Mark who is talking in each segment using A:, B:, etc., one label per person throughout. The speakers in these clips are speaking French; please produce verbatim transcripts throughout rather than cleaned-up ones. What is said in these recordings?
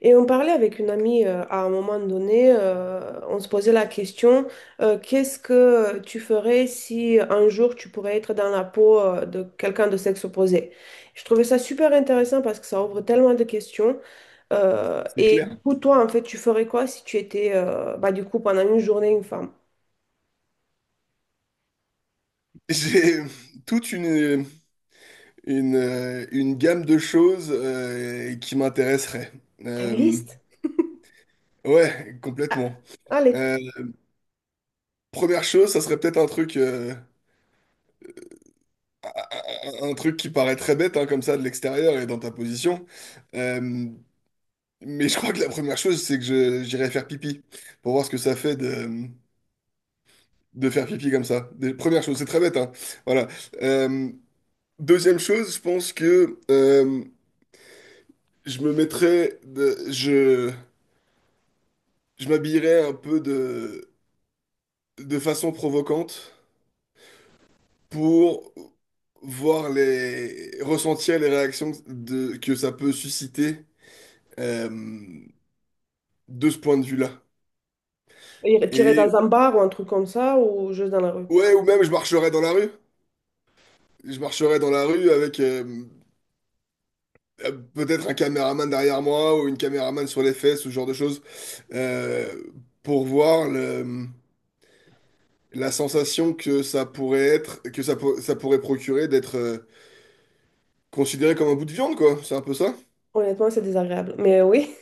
A: Et on parlait avec une amie euh, à un moment donné, euh, on se posait la question, euh, qu'est-ce que tu ferais si euh, un jour tu pourrais être dans la peau euh, de quelqu'un de sexe opposé? Je trouvais ça super intéressant parce que ça ouvre tellement de questions. Euh,
B: C'est
A: et du
B: clair.
A: coup, toi, en fait, tu ferais quoi si tu étais, euh, bah, du coup, pendant une journée, une femme?
B: J'ai toute une, une, euh, une gamme de choses euh, qui m'intéresseraient.
A: T'as une
B: Euh,
A: liste?
B: ouais,
A: Ah,
B: complètement.
A: allez,
B: Euh, Première chose, ça serait peut-être un truc, euh, un un truc qui paraît très bête hein, comme ça de l'extérieur et dans ta position. Euh, mais je crois que la première chose, c'est que je, j'irai faire pipi pour voir ce que ça fait de, de faire pipi comme ça. Des- Première chose, c'est très bête, hein. Voilà. Euh, Deuxième chose, je pense que... euh, Je me mettrais de- je, je m'habillerais un peu de, de façon provocante pour voir les, ressentir les réactions de, que ça peut susciter euh, de ce point de vue-là.
A: tu irais
B: Et
A: dans un bar ou un truc comme ça ou juste dans la rue?
B: ouais, ou même je marcherais dans la rue. Je marcherais dans la rue avec euh, euh, peut-être un caméraman derrière moi ou une caméraman sur les fesses, ce genre de choses, euh, pour voir le, la sensation que ça pourrait être, que ça, pour- ça pourrait procurer d'être euh, considéré comme un bout de viande, quoi. C'est un peu ça.
A: Honnêtement, c'est désagréable, mais oui.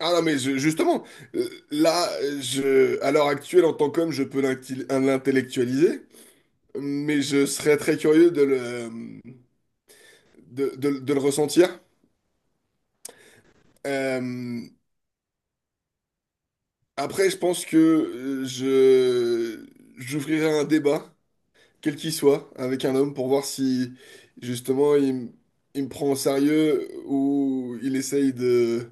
B: Ah non, mais je- justement, euh, là, je, à l'heure actuelle, en tant qu'homme, je peux l'inti- l'intellectualiser, mais je serais très curieux de le, de, de- de le ressentir. Euh, après, je pense que euh, je, j'ouvrirai un débat quel qu'il soit, avec un homme pour voir si justement il, m- il me prend au sérieux ou il essaye de,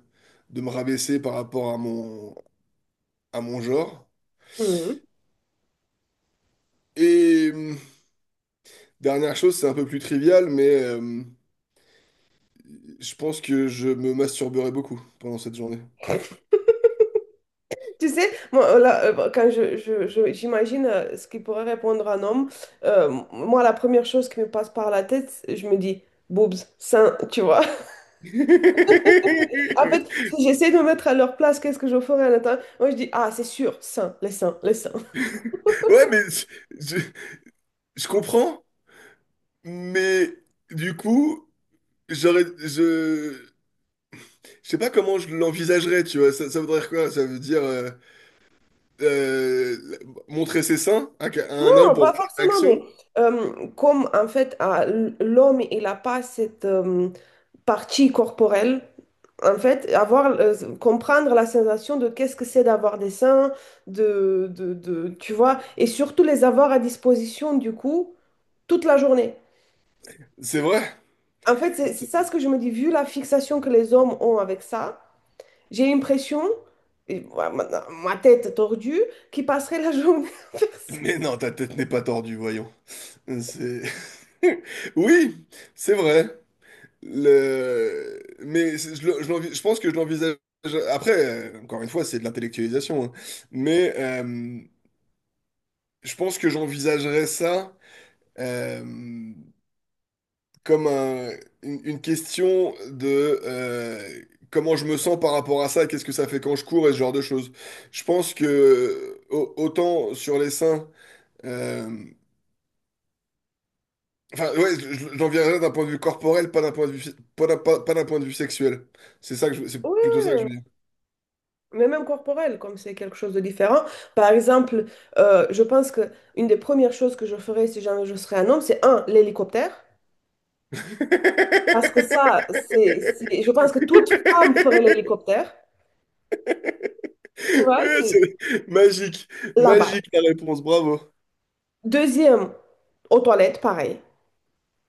B: de me rabaisser par rapport à mon, à mon, genre. Et hum, dernière chose, c'est un peu plus trivial, mais euh, je pense que je me masturberai beaucoup pendant cette journée.
A: Tu sais, moi, euh, là, euh, bah, quand je, je- je- j'imagine euh, ce qu'il pourrait répondre un homme, euh, moi, la première chose qui me passe par la tête, c'est- je me dis, boobs, seins, tu vois. En fait, si j'essaie de me mettre à leur place, qu'est-ce que je ferais à l'intérieur? Moi, je dis, ah, c'est sûr, seins, les seins, les seins.
B: Ouais, mais je, je- je comprends, mais du coup, j'aurais, je, je sais pas comment je l'envisagerais, tu vois. Ça, ça voudrait dire quoi? Ça veut dire. euh, euh, montrer ses seins à à un homme
A: Non,
B: pour
A: pas
B: voir la
A: forcément, mais
B: réaction.
A: euh, comme en fait, ah, l- l'homme, il n'a pas cette, euh, partie corporelle. En fait, avoir, euh, comprendre la sensation de qu'est-ce que c'est d'avoir des seins, de, de, de- tu vois, et surtout les avoir à disposition, du coup, toute la journée.
B: C'est vrai.
A: En fait, c'est c'est ça ce que je me dis, vu la fixation que les hommes ont avec ça, j'ai l'impression, et ma, ma- ma tête tordue, qu'ils passeraient la journée à faire ça.
B: Mais non, ta tête n'est pas tordue, voyons. C'est... Oui, c'est vrai. Le... Mais c'est- je, le- je l'envi- je pense que je l'envisage... Après, euh, encore une fois, c'est de l'intellectualisation. hein. Mais euh, je pense que j'envisagerais ça... euh, comme un- une, une question de euh, comment je me sens par rapport à ça, qu'est-ce que ça fait quand je cours et ce genre de choses. Je pense que au- autant sur les seins, euh, enfin ouais, je- j'en viendrai d'un point de vue corporel, pas d'un point de vue, fi- pas d'un pas- pas d'un point de vue sexuel. C'est ça que je- c'est
A: Oui,
B: plutôt ça
A: oui,
B: que je
A: oui.
B: veux dire.
A: Mais même corporel, comme c'est quelque chose de différent. Par exemple, euh, je pense que une des premières choses que je ferais si jamais je serais un homme, c'est un, l'hélicoptère. Parce que ça, c'est, c'est- je pense que toute femme ferait l'hélicoptère. Tu vois, c'est
B: C'est magique,
A: là-bas.
B: magique la réponse, bravo.
A: Deuxième, aux toilettes, pareil.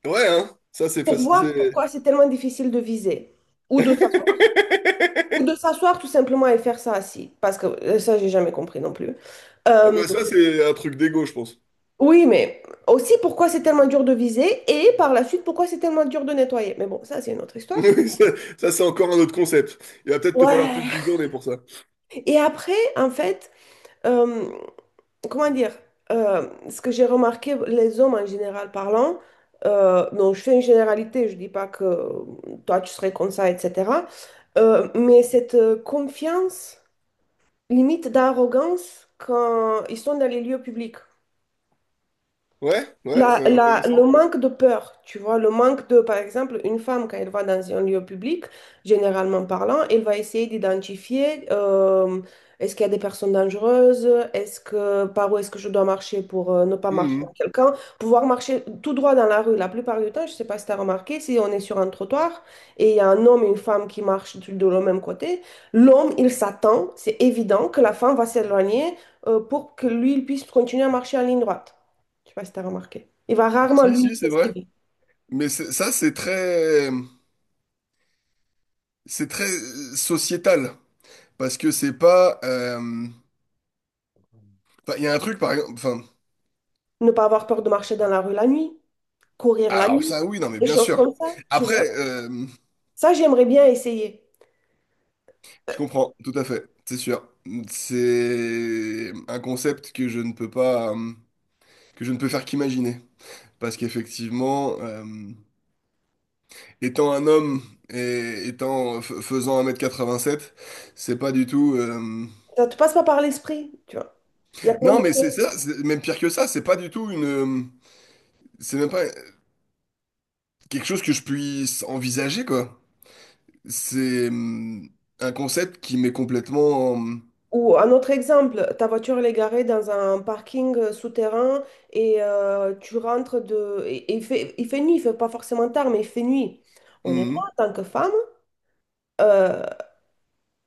B: Ouais, hein, ça c'est
A: Pour voir
B: facile.
A: pourquoi c'est tellement difficile de viser ou de s'asseoir. Ou de s'asseoir tout simplement et faire ça assis. Parce que euh, ça, j'ai jamais compris non plus.
B: Ah
A: Euh,
B: bah ça c'est un truc d'ego, je pense.
A: Oui, mais aussi pourquoi c'est tellement dur de viser et par la suite pourquoi c'est tellement dur de nettoyer. Mais bon, ça c'est une autre histoire.
B: Oui, ça, ça, c'est encore un autre concept. Il va peut-être te falloir plus
A: Ouais.
B: d'une journée pour ça.
A: Et après, en fait, euh, comment dire, euh, ce que j'ai remarqué, les hommes en général parlant, euh, donc je fais une généralité, je dis pas que toi tu serais comme ça, et cetera euh, mais cette euh, confiance, limite d'arrogance quand ils sont dans les lieux publics.
B: Ouais, ouais,
A: La,
B: c'est
A: la- le
B: intéressant.
A: manque de peur, tu vois, le manque de, par exemple, une femme, quand elle va dans un lieu public, généralement parlant, elle va essayer d'identifier, euh, est-ce qu'il y a des personnes dangereuses, est-ce que, par où est-ce que je dois marcher pour euh, ne pas marcher
B: Mhm.
A: avec quelqu'un, pouvoir marcher tout droit dans la rue. La plupart du temps, je ne sais pas si tu as remarqué, si on est sur un trottoir et il y a un homme et une femme qui marchent du- de le même côté, l'homme, il s'attend, c'est évident que la femme va s'éloigner, euh, pour que lui, il puisse continuer à marcher en ligne droite. Je sais pas si tu as remarqué. Il va rarement,
B: Si,
A: lui,
B: si, c'est vrai.
A: s'esquiver.
B: Mais c'est- ça, c'est très, c'est très euh, sociétal. Parce que c'est pas. euh, Enfin, il y a un truc, par exemple. Enfin,
A: Ne pas avoir peur de marcher dans la rue la nuit, courir la
B: alors,
A: nuit,
B: ça, oui, non, mais
A: des
B: bien
A: choses
B: sûr.
A: comme ça, tu
B: Après,
A: vois.
B: euh,
A: Ça, j'aimerais bien essayer.
B: je comprends, tout à fait, c'est sûr. C'est un concept que je ne peux pas. Euh, que je ne peux faire qu'imaginer. Parce qu'effectivement. euh, Étant un homme et étant f- faisant un mètre quatre-vingt-sept, c'est pas du tout. euh,
A: Ça te passe pas par l'esprit, tu vois. Il y a plein
B: Non,
A: de
B: mais c'est
A: choses.
B: ça, c'est même pire que ça, c'est pas du tout une. euh, C'est même pas quelque chose que je puisse envisager, quoi. C'est euh, un concept qui m'est complètement.
A: Ou un autre exemple, ta voiture elle est garée dans un parking euh, souterrain et euh, tu rentres de... Et, et il fait, il fait nuit, il fait pas forcément tard, mais il fait nuit. Honnêtement,
B: Mhm.
A: en tant que femme, euh,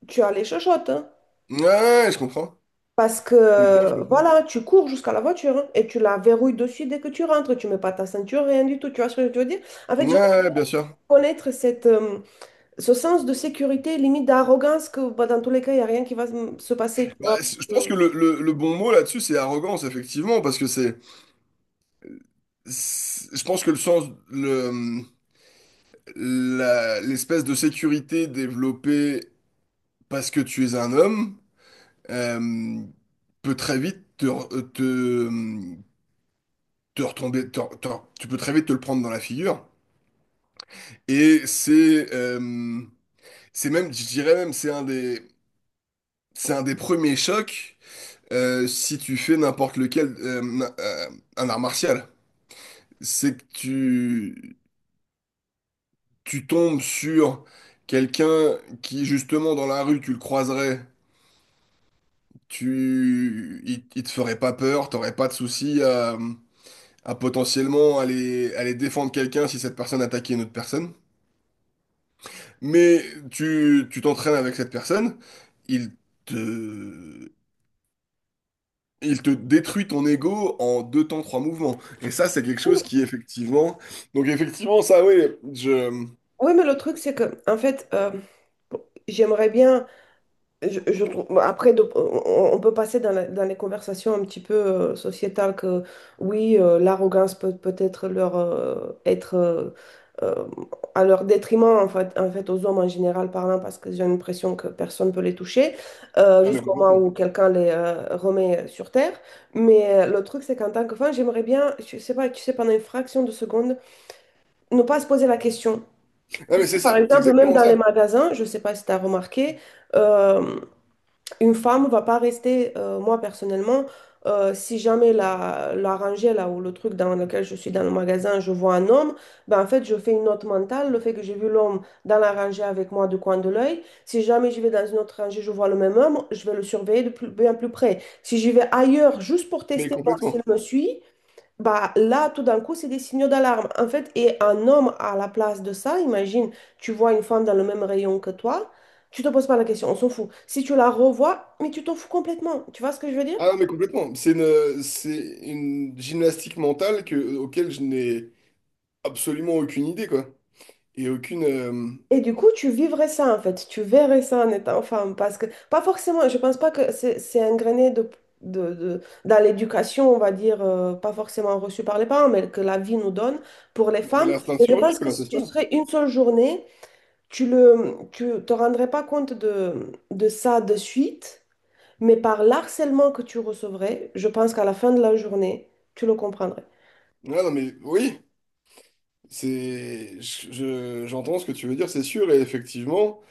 A: tu as les chochottes. hein.
B: Ouais, ouais, je comprends.
A: Parce que
B: Je comprends, je
A: euh,
B: comprends.
A: voilà, tu cours jusqu'à la voiture et tu la verrouilles dessus dès que tu rentres. Tu mets pas ta ceinture, rien du tout. Tu vois ce que je veux dire? En fait,
B: Ouais,
A: j'aimerais
B: ouais, bien sûr.
A: connaître cette, euh, ce sens de sécurité, limite d'arrogance, que bah, dans tous les cas, il n'y a rien qui va se se passer. Tu
B: Bah,
A: vois? Parce
B: c- je pense que
A: que-
B: le, le- le bon mot là-dessus, c'est arrogance, effectivement, parce que c'est. c'est- Je pense que le sens. la- l'espèce de sécurité développée parce que tu es un homme euh, peut très vite te, re- te, te retomber. Te- te- tu peux très vite te le prendre dans la figure. Et c'est euh, c'est même, je dirais même, c'est un des, c'est un des premiers chocs euh, si tu fais n'importe lequel, euh, na- euh, un art martial. C'est que tu, tu tombes sur quelqu'un qui, justement, dans la rue, tu le croiserais. tu, il, il te ferait pas peur, t'aurais pas de souci à, à potentiellement aller, aller défendre quelqu'un si cette personne attaquait une autre personne. Mais tu, tu t'entraînes avec cette personne, il te, il te détruit ton ego en deux temps, trois mouvements. Et ça, c'est quelque chose qui, effectivement... Donc, effectivement, ça, oui, je...
A: Oui, mais le truc, c'est que, en fait, euh, j'aimerais bien. Je, je trouve, bon, après, de- on, on peut passer dans, la- dans les conversations un petit peu euh, sociétales que oui, euh, l'arrogance peut peut-être leur euh, être euh, euh, à leur détriment en fait, en fait, aux hommes en général parlant parce que j'ai l'impression que personne ne peut les toucher euh,
B: Ah, mais
A: jusqu'au moment
B: complètement.
A: où quelqu'un les euh, remet sur terre. Mais euh, le truc, c'est qu'en tant que femme, j'aimerais bien, je sais pas, tu sais, pendant une fraction de seconde, ne pas se poser la question.
B: Ah,
A: Tu
B: mais
A: sais,
B: c'est
A: Par
B: ça, c'est
A: exemple, même
B: exactement
A: dans les
B: ça.
A: magasins, je sais pas si tu as remarqué. euh, une femme va pas rester, euh, moi personnellement, euh, si jamais la, la rangée là ou le truc dans lequel je suis dans le magasin, je vois un homme, ben en fait je fais une note mentale, le fait que j'ai vu l'homme dans la rangée avec moi du coin de l'œil. Si jamais je vais dans une autre rangée, je vois le même homme, je vais le surveiller de plus, bien plus près. Si j'y vais ailleurs juste pour
B: Mais
A: tester, voir s'il
B: complètement.
A: me suit, bah, là, tout d'un coup, c'est des signaux d'alarme. En fait, et un homme à la place de ça, imagine, tu vois une femme dans le même rayon que toi, tu te poses pas la question, on s'en fout. Si tu la revois, mais tu t'en fous complètement. Tu vois ce que je veux dire?
B: Ah, mais complètement. C'est une, c'est une gymnastique mentale que, auquel je n'ai absolument aucune idée, quoi. Et aucune... euh,
A: Et du coup, tu vivrais ça, en fait. Tu verrais ça en étant femme. Parce que, pas forcément, je pense pas que c'est c'est ingréné de, de, de- dans l'éducation, on va dire, euh, pas forcément reçue par les parents, mais que la vie nous donne pour les
B: Non, mais
A: femmes.
B: l'instinct de
A: Et je
B: survie,
A: pense que
B: quoi, c'est
A: si tu
B: ça.
A: serais une seule journée, tu le, tu te rendrais pas compte de, de ça de suite, mais par l'harcèlement que tu recevrais, je pense qu'à la fin de la journée, tu le comprendrais.
B: Ah, non, mais oui, c'est... je- je- j'entends ce que tu veux dire, c'est sûr, et effectivement,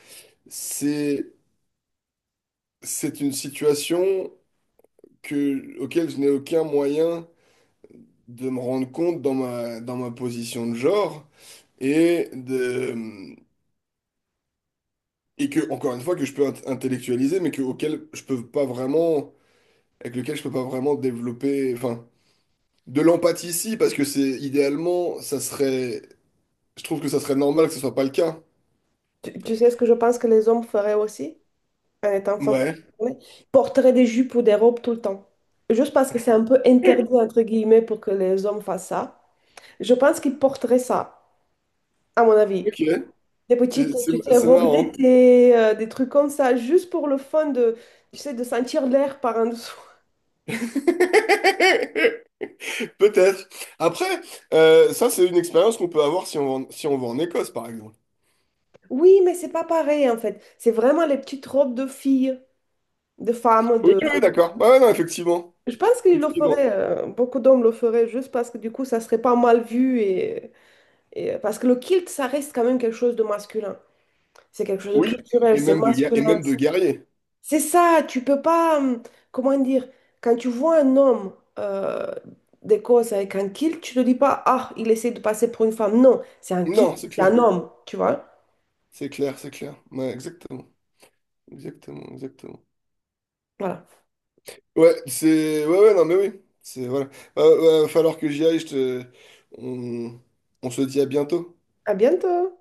B: c'est c'est une situation que... auquel je n'ai aucun moyen de me rendre compte dans ma, dans ma position de genre, et de... Et que, encore une fois, que je peux int- intellectualiser, mais que, auquel je peux pas vraiment. Avec lequel je peux pas vraiment développer. Enfin, de l'empathie, si, parce que c'est idéalement, ça serait. Je trouve que ça serait normal que ce soit pas le cas.
A: Tu, tu sais ce que je pense que les hommes feraient aussi en étant femmes
B: Ouais.
A: Ils porteraient des jupes ou des robes tout le temps. Juste parce que c'est un peu interdit, entre guillemets, pour que les hommes fassent ça. Je pense qu'ils porteraient ça, à mon avis.
B: Ok.
A: Des petites,
B: C'est c'est-
A: tu sais,
B: c'est
A: robes
B: marrant.
A: d'été, euh, des trucs comme ça, juste pour le fun de, tu sais, de sentir l'air par en dessous.
B: Peut-être. Après, euh, ça, c'est une expérience qu'on peut avoir si on va en, si on va en Écosse, par exemple.
A: Oui, mais c'est pas pareil en fait. C'est vraiment les petites robes de filles, de femmes,
B: Oui,
A: de...
B: oui, d'accord. Ouais, ouais, non, effectivement.
A: Je pense qu'ils le
B: Effectivement.
A: feraient, euh, beaucoup d'hommes le feraient juste parce que du coup, ça serait pas mal vu et, et- euh, parce que le kilt, ça reste quand même quelque chose de masculin. C'est quelque chose de
B: Oui.
A: culturel,
B: Et
A: c'est
B: même de, guer- et
A: masculin.
B: même de guerrier.
A: C'est ça, tu peux pas, hum, comment dire, quand tu vois un homme euh, d'Écosse avec un kilt, tu te dis pas, ah, il essaie de passer pour une femme. Non, c'est un kilt,
B: Non, c'est
A: c'est un
B: clair.
A: homme, tu vois.
B: C'est clair, c'est clair. Ouais, exactement. Exactement, exactement.
A: Voilà.
B: Ouais, c'est. Ouais, ouais, non, mais oui. C'est. Voilà. Euh, ouais, va falloir que j'y aille. Je te... on... on se dit à bientôt.
A: À bientôt.